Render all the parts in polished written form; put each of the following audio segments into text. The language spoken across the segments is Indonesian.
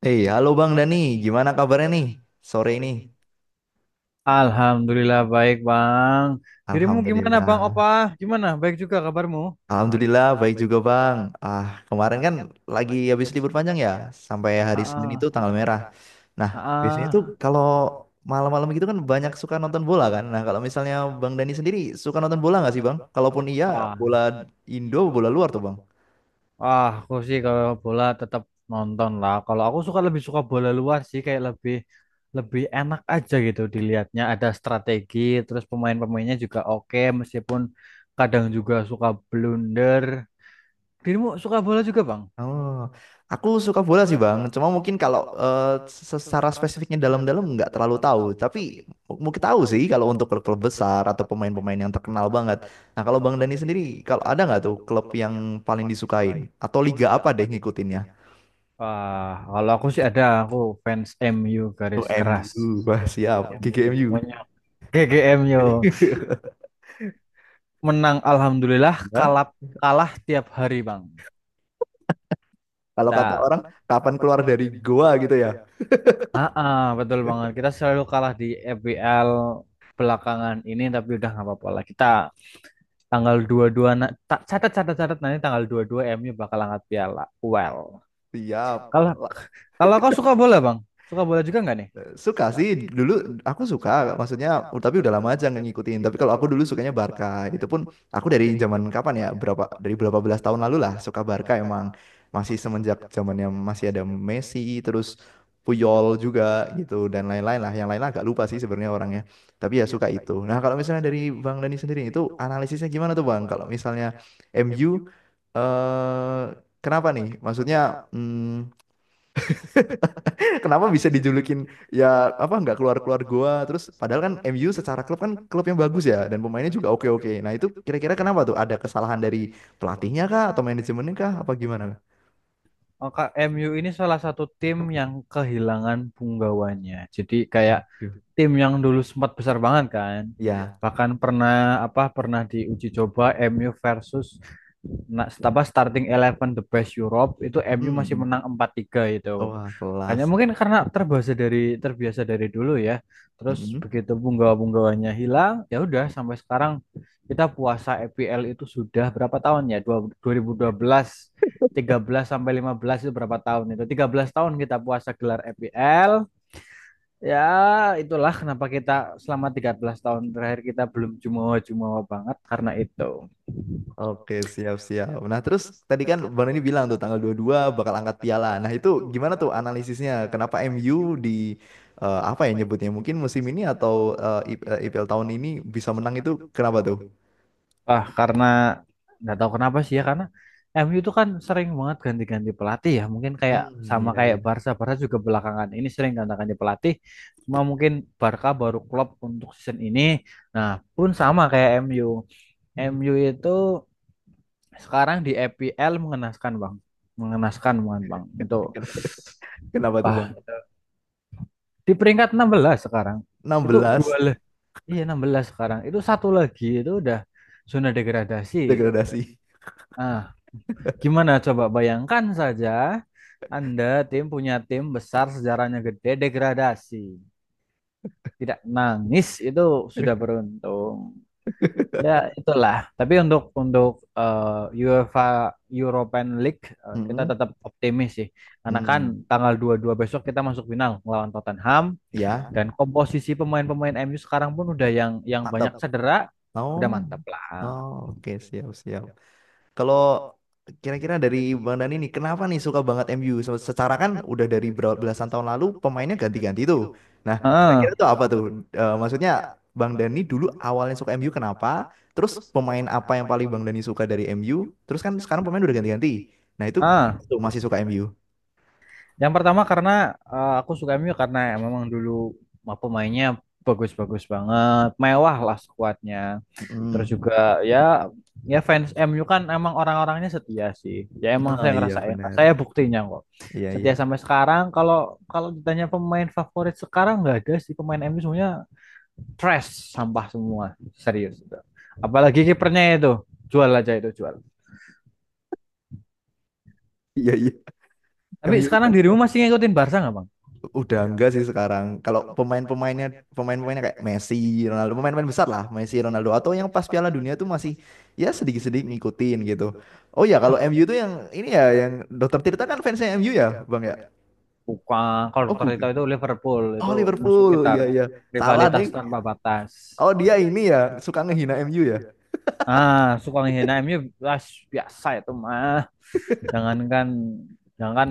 Eh, halo Bang Dani, gimana kabarnya nih sore ini? Alhamdulillah baik Bang. Dirimu gimana Bang Opa? Alhamdulillah, Gimana? Baik juga kabarmu? Alhamdulillah baik juga Bang. Ah, kemarin kan lagi habis libur panjang ya, sampai hari Senin itu Ah, tanggal merah. Nah, biasanya tuh ah, kalau malam-malam gitu kan banyak suka nonton bola kan. Nah, kalau misalnya Bang Dani sendiri suka nonton bola nggak sih Bang? Kalaupun iya, ah, bola Indo, bola luar tuh Bang. ah, aku sih kalau bola tetap nonton lah. Kalau aku lebih suka bola luar sih, kayak lebih lebih enak aja gitu dilihatnya. Ada strategi, terus pemain-pemainnya juga oke, meskipun kadang juga suka blunder. Dirimu suka bola juga Bang? Oh, aku suka bola sih Bang. Cuma mungkin kalau secara spesifiknya dalam-dalam nggak terlalu tahu. Tapi mungkin tahu sih kalau untuk klub-klub besar atau pemain-pemain yang terkenal banget. Nah kalau Bang Dani sendiri, kalau ada nggak tuh klub yang paling disukain? Atau liga apa deh ngikutinnya? Ah, kalau aku sih ada, aku fans MU Oh, garis keras. MU, wah siap, MU, GGMU. monyok. GGMU. Menang alhamdulillah, Ya, kalah kalah tiap hari, Bang. kalau kata Kita orang, kapan keluar dari goa gitu ya? ah, betul banget. Kita selalu kalah di FBL belakangan ini, tapi udah nggak apa-apa lah. Kita tanggal 22 catat, catat, catat, nanti tanggal 22 MU bakal angkat piala. Well. Siap. Kalau kalau kau suka bola, Bang? Suka bola juga nggak nih? Suka sih dulu aku suka maksudnya tapi udah lama aja nggak ngikutin tapi kalau aku dulu sukanya Barca itu pun aku dari zaman kapan ya berapa dari berapa belas tahun lalu lah suka Barca emang masih semenjak zamannya masih ada Messi terus Puyol juga gitu dan lain-lain lah yang lain lah agak lupa sih sebenarnya orangnya tapi ya suka itu nah kalau misalnya dari Bang Dani sendiri itu analisisnya gimana tuh Bang kalau misalnya MU eh kenapa nih maksudnya hmm, Kenapa bisa dijulukin ya apa nggak keluar-keluar gua terus padahal kan MU secara klub kan klub yang bagus ya dan pemainnya juga oke-oke. Nah, itu kira-kira kenapa tuh? Ada kesalahan dari pelatihnya kah atau manajemennya kah apa gimana? Oh, Kak, MU ini salah satu tim yang kehilangan punggawanya. Jadi kayak Waduh. tim yang dulu sempat besar banget kan. Ya. Bahkan pernah, apa, diuji coba MU versus na- apa starting eleven the best Europe, itu MU masih Hmm. menang 4-3 itu. Wah, Hanya kelas. mungkin karena terbiasa dari dulu ya. Terus Hmm. begitu punggawa-punggawanya hilang, ya udah, sampai sekarang kita puasa EPL itu sudah berapa tahun ya? 2012, 13 sampai 15, itu berapa tahun itu? 13 tahun kita puasa gelar EPL. Ya, itulah kenapa kita selama 13 tahun terakhir kita belum jumawa-jumawa banget karena itu. Oke, siap-siap. Nah, terus tadi kan Bang ini bilang tuh tanggal 22 bakal angkat piala. Nah, itu gimana tuh analisisnya? Kenapa MU di apa ya nyebutnya? Mungkin musim ini atau IPL tahun ini bisa menang itu kenapa tuh? Ah, karena nggak tahu kenapa sih ya, karena MU itu kan sering banget ganti-ganti pelatih, ya mungkin kayak Hmm, sama iya kayak iya. Barca Barca juga belakangan ini sering ganti-ganti pelatih, cuma mungkin Barca baru klub untuk season ini. Nah, pun sama kayak MU Hmm. MU itu sekarang di EPL mengenaskan bang, mengenaskan banget bang itu. Ken- Kenapa tuh Ah, Bang? di peringkat 16 sekarang Enam itu. Belas Iya, 16 sekarang itu, satu lagi itu udah zona degradasi itu. degradasi. Ah, gimana, coba bayangkan saja Anda tim, punya tim besar sejarahnya gede, degradasi. Tidak nangis itu sudah beruntung. Ya, itulah. Tapi untuk UEFA European League, kita Hmm. tetap optimis sih. Karena kan Hmm. tanggal 22 besok kita masuk final melawan Tottenham, Ya, dan komposisi pemain-pemain MU sekarang pun udah yang mantap. banyak cedera, Oh. udah mantap lah. Oh, oke siap siap. Kalau kira-kira dari Bang Dani nih, kenapa nih suka banget MU? Secara kan udah dari belasan tahun lalu pemainnya ganti-ganti tuh. Nah, Heeh. kira-kira tuh apa tuh? Maksudnya Bang Dani dulu awalnya suka MU kenapa? Terus pemain apa yang paling Bang Dani suka dari MU? Terus kan sekarang pemain udah ganti-ganti. Nah, itu Ah. tuh masih suka MU. Yang pertama karena aku suka MU karena memang dulu pemainnya bagus-bagus banget, mewah lah skuadnya. Terus Mm-mm. juga ya, fans MU kan emang orang-orangnya setia sih. Ya emang Nah, saya iya ngerasain, nah, benar. saya buktinya kok. Iya Setia iya. sampai sekarang. Kalau kalau ditanya pemain favorit sekarang nggak ada sih, pemain MU semuanya trash, sampah semua, serius, itu. Apalagi kipernya itu, jual aja itu, jual. Iya iya. Tapi MU sekarang dirimu masih ngikutin Barca nggak, bang? udah enggak sih sekarang. Kalau pemain-pemainnya kayak Messi, Ronaldo, pemain-pemain besar lah, Messi, Ronaldo atau yang pas Piala Dunia tuh masih ya sedikit-sedikit ngikutin gitu. Oh ya, kalau MU tuh yang ini ya yang Dokter Tirta kan fansnya MU ya, Bang ya? Bukan, kalau Oh dokter Tito bukan. itu Liverpool, Oh itu musuh Liverpool. ngitar. Iya iya. Salah Rivalitas deh. tanpa batas. Oh dia ini ya suka ngehina MU ya. Ah, suka menghina MU, ah, biasa itu mah. Jangankan, jangankan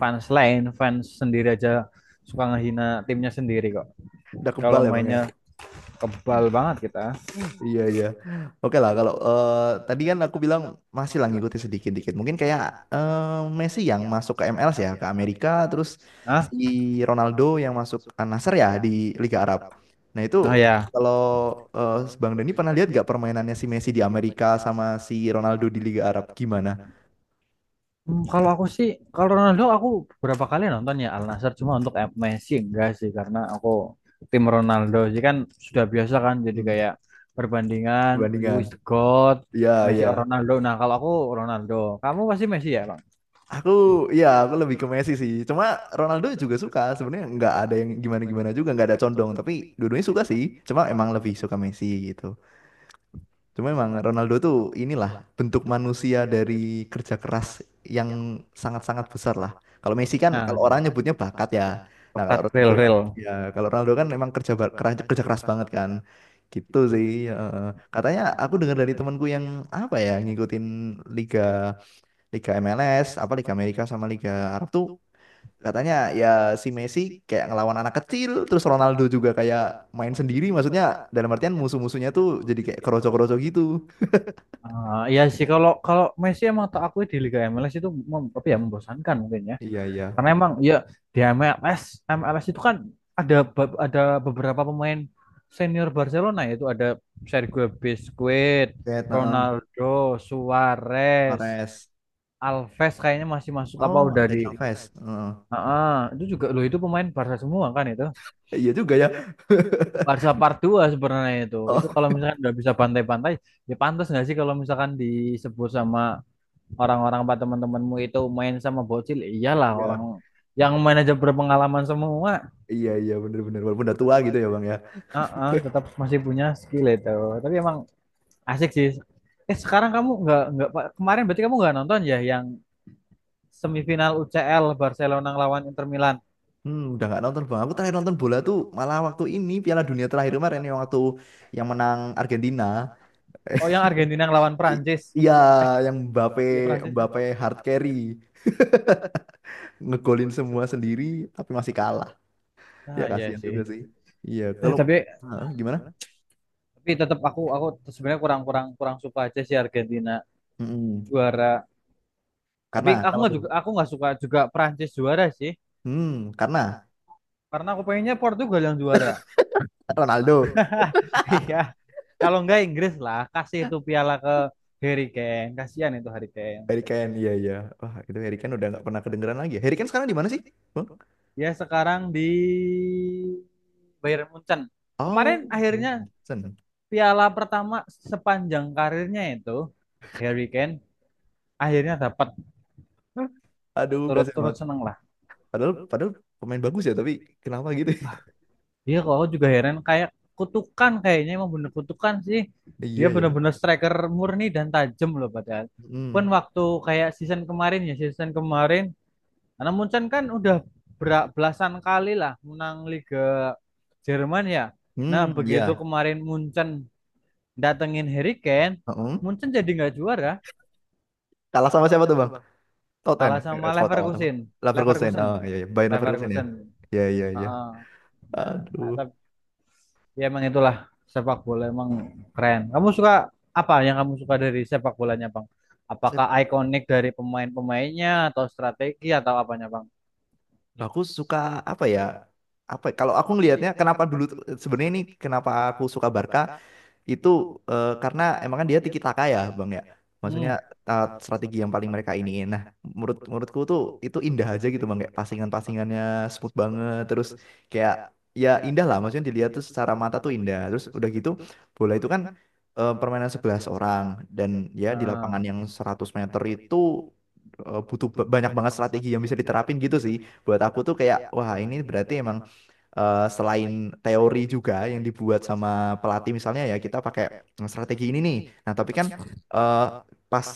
fans lain, fans sendiri aja suka ngehina timnya sendiri kok. Udah kebal Kalau ya, Bang ya. mainnya, kebal banget kita. Iya iya. Oke lah kalau tadi kan aku bilang masih lah ngikutin sedikit-dikit. Mungkin kayak Messi yang masuk ke MLS ya ke Amerika, terus Ah, si Ronaldo yang masuk ke Al-Nassr ya di Liga Arab. Nah itu ah ya. kalau eh, Bang Dani pernah lihat gak permainannya si Messi di Amerika sama si Ronaldo di Liga Arab gimana? Kalau aku sih, kalau Ronaldo aku beberapa kali nonton ya Al Nassr, cuma untuk Messi enggak sih, karena aku tim Ronaldo sih kan, sudah biasa kan, jadi Hmm, kayak perbandingan who perbandingan. is the God, Iya Messi iya. or Ronaldo. Nah kalau aku Ronaldo, kamu pasti Messi ya bang. Aku aku lebih ke Messi sih. Cuma Ronaldo juga suka. Sebenarnya nggak ada yang gimana-gimana juga, nggak ada condong. Tapi dua-duanya suka sih. Cuma emang lebih suka Messi gitu. Cuma emang Ronaldo tuh inilah bentuk manusia dari kerja keras yang sangat-sangat besar lah. Kalau Messi kan Nah kalau orang ya, nyebutnya bakat ya. Nah Pekat real real. Kalau Ronaldo kan emang kerja keras banget kan. Gitu sih. eh. Katanya aku dengar dari temanku yang apa ya ngikutin liga Liga MLS, apa Liga Amerika sama Liga Arab tuh katanya ya si Messi kayak ngelawan anak kecil, terus Ronaldo juga kayak main sendiri, maksudnya dalam artian musuh-musuhnya tuh jadi kayak kroco-kroco gitu. Ah, iya sih, kalau kalau Messi emang tak akui di Liga MLS itu, apa ya, membosankan mungkin ya. Iya iya. Karena emang ya di MLS MLS itu kan ada ada beberapa pemain senior Barcelona, yaitu ada Sergio Busquets, Kayak heeh, Ronaldo, Suarez, Mahrez. Alves kayaknya masih masuk apa Oh, udah Dani di. Alves. Heeh. Heeh, itu juga loh, itu pemain Barca semua kan itu. Iya juga ya. Barca part 2 sebenarnya itu. Itu Oh kalau misalkan nggak bisa pantai-pantai, ya pantas nggak sih kalau misalkan disebut sama orang-orang apa teman-temanmu itu main sama bocil, iyalah, orang iya, yang manajer berpengalaman semua. iya iya bener-bener walaupun udah tua gitu ya bang ya. Heeh, tetap masih punya skill itu. Tapi emang asik sih. Eh, sekarang kamu nggak Pak, kemarin berarti kamu nggak nonton ya yang semifinal UCL Barcelona ngelawan Inter Milan? Udah nggak nonton bang. Aku terakhir nonton bola tuh malah waktu ini Piala Dunia terakhir kemarin yang waktu yang menang Argentina. Oh, yang Argentina ngelawan I- Prancis. Iya, yang Mbappe Iya, Prancis kan? Mbappe hard carry ngegolin semua sendiri tapi masih kalah. Ya Ah, iya kasihan juga sih. sih. Iya, Eh, kalau tapi Hah, gimana? tapi tetap aku, sebenarnya kurang, kurang suka aja sih Argentina Mm-mm. juara. Tapi Karena aku kenapa nggak juga, tuh? aku nggak suka juga Prancis juara sih. Hmm, karena Karena aku pengennya Portugal yang juara. Ronaldo, Iya. Kalau nggak, Inggris lah, kasih itu piala ke Harry Kane. Kasihan itu Harry Kane. Harry Kane. Iya, iya. Wah, itu Harry Kane udah nggak pernah kedengeran lagi. Ya. Harry Kane sekarang di mana sih, Bang? Dia sekarang di Bayern Munchen. Oh, Kemarin akhirnya Johnson. piala pertama sepanjang karirnya itu Harry Kane akhirnya dapat, Hah? Aduh, kasihan turut-turut banget. seneng lah. Padahal padahal pemain bagus ya, tapi kenapa gitu? Dia kalau juga heran, kayak kutukan, kayaknya emang bener kutukan sih. Dia Iya ya. bener-bener striker murni dan tajam loh padahal. Pun Hmm. waktu kayak season kemarin, karena Munchen kan udah belasan kali lah menang Liga Jerman ya. Nah, Hmm, begitu iya. kemarin Munchen datengin Harry Kane, Heeh. Munchen jadi nggak juara, Kalah sama siapa tuh, Bang? Toten, kalah sama Tot apa? Leverkusen, Leverkusen, Leverkusen, oh iya, iya. Bayern Leverkusen ya. Leverkusen. Iya, iya, iya. Heeh. Nah, Aduh. ah, tapi ya emang itulah, sepak bola emang keren. Kamu suka apa, yang kamu suka dari sepak bolanya, Bang? Apakah ikonik dari pemain-pemainnya atau strategi atau apanya, Bang? Nah, aku suka apa ya? Apa ya, kalau aku ngelihatnya kenapa dulu sebenarnya ini kenapa aku suka Barca itu karena emang kan dia tiki taka ya, Bang ya. Maksudnya Hmm, strategi yang paling mereka ini. Nah, menurutku tuh itu indah aja gitu, Bang. Kayak pasingan-pasingannya smooth banget terus kayak ya indah lah maksudnya dilihat tuh secara mata tuh indah. Terus udah gitu bola itu kan permainan 11 orang dan ya di lapangan nah, yang 100 meter itu butuh banyak banget strategi yang bisa diterapin gitu sih buat aku tuh kayak wah ini berarti emang selain teori juga yang dibuat sama pelatih misalnya ya kita pakai strategi ini nih. Nah, tapi kan eh, pas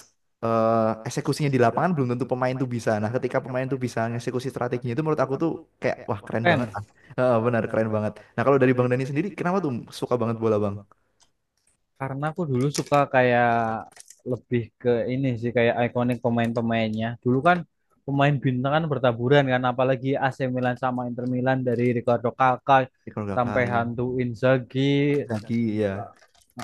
eksekusinya di lapangan belum tentu pemain tuh bisa. Nah, ketika pemain tuh bisa ngeksekusi strateginya itu menurut aku tuh kayak wah keren banget. keren. Ah. Heeh, benar keren banget. Nah, kalau dari Bang Dani sendiri kenapa tuh suka banget bola, Bang? Karena aku dulu suka kayak, lebih ke ini sih, kayak ikonik pemain-pemainnya. Dulu kan pemain bintang kan bertaburan kan, apalagi AC Milan sama Inter Milan, dari Ricardo Kakak Ya, kalau gak sampai kain. hantu Inzaghi, Lagi ya.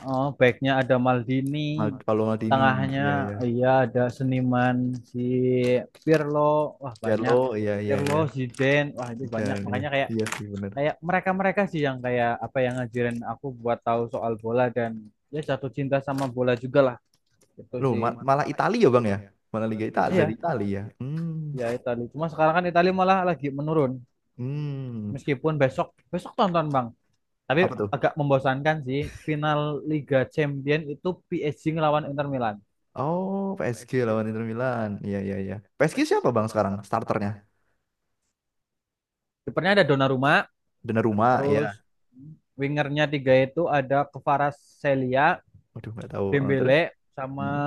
oh, backnya ada Maldini, Kalau Maldini, tengahnya ya ya. iya ada seniman si Pirlo, wah banyak. Pirlo, ya ya Pirlo, ya. Zidane, wah itu banyak. Zidane, ya. Makanya kayak Iya sih benar. kayak mereka-mereka sih yang kayak apa yang ngajarin aku buat tahu soal bola dan ya, jatuh cinta sama bola juga lah gitu Loh, sih. Malah Italia ya Bang ya? Malah Liga Italia dari Iya Italia ya. Hmm. ya Itali, cuma sekarang kan Itali malah lagi menurun, Hmm. meskipun besok, tonton bang. Tapi Apa tuh? agak membosankan sih, final Liga Champion itu PSG ngelawan Inter Milan. Oh, PSG lawan Inter Milan. Iya, iya, iya. PSG siapa Bang sekarang starternya? Kipernya ada Donnarumma, Donnarumma terus ya. wingernya tiga, itu ada Kvaratskhelia, Waduh, nggak tahu. Terus? Dembele, sama Hmm.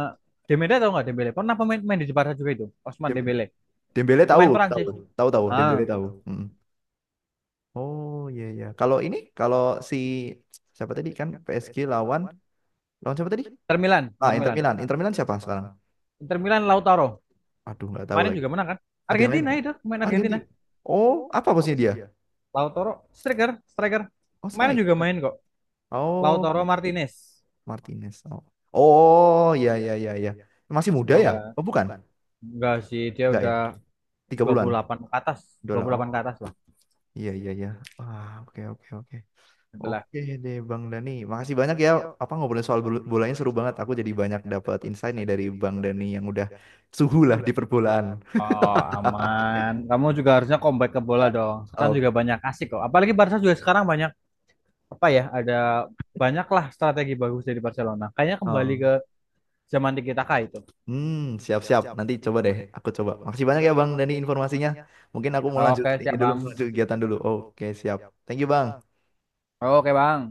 Dembele. Tau nggak Dembele? Pernah main di Jepara juga itu, Osman Dem- Dembele, Dembele pemain tahu, tahu. Perancis. Tahu tahu Ah, Dembele tahu. Hmm. Oh, iya iya. Kalau ini kalau si siapa tadi kan PSG lawan lawan siapa tadi? Inter Milan, Ah, Inter Inter Milan. Milan. Inter Milan siapa sekarang? Inter Milan Lautaro. Aduh, nggak tahu Kemarin lagi. juga menang kan? Ada yang lain Argentina nggak? itu, main Argentina. Argentina. Oh, apa posisinya dia? Lautaro, striker, striker. Oh, Kemarin juga striker. main kok. Lautaro Oh. Martinez. Martinez. Oh, oh ya, ya, iya iya. Masih muda Tahu ya? nggak? Oh bukan, Enggak sih, dia enggak ya? udah dua puluh 30-an. delapan ke atas. Udah. 28 Oh, ke atas lah. iya iya iya. Wah oke oke oke. Itulah. Oke deh Bang Dani. Makasih banyak ya. Apa ngobrolin soal bolanya seru banget. Aku jadi banyak dapat insight nih dari Bang Dani yang udah suhu lah di perbolaan. Oh, aman. Kamu juga harusnya comeback ke bola dong. Sekarang Oh, juga banyak asik kok. Apalagi Barca juga sekarang banyak, apa ya? Ada banyaklah strategi bagus dari Barcelona. Kayaknya kembali oh. ke zaman Tiki Taka itu. Hmm, siap-siap. Nanti coba deh. Aku coba. Makasih banyak ya Bang Dani informasinya. Mungkin aku mau lanjut Oke, ini siap dulu, Bang. lanjut kegiatan dulu. Oke, siap. Thank you Bang. Oke, Bang.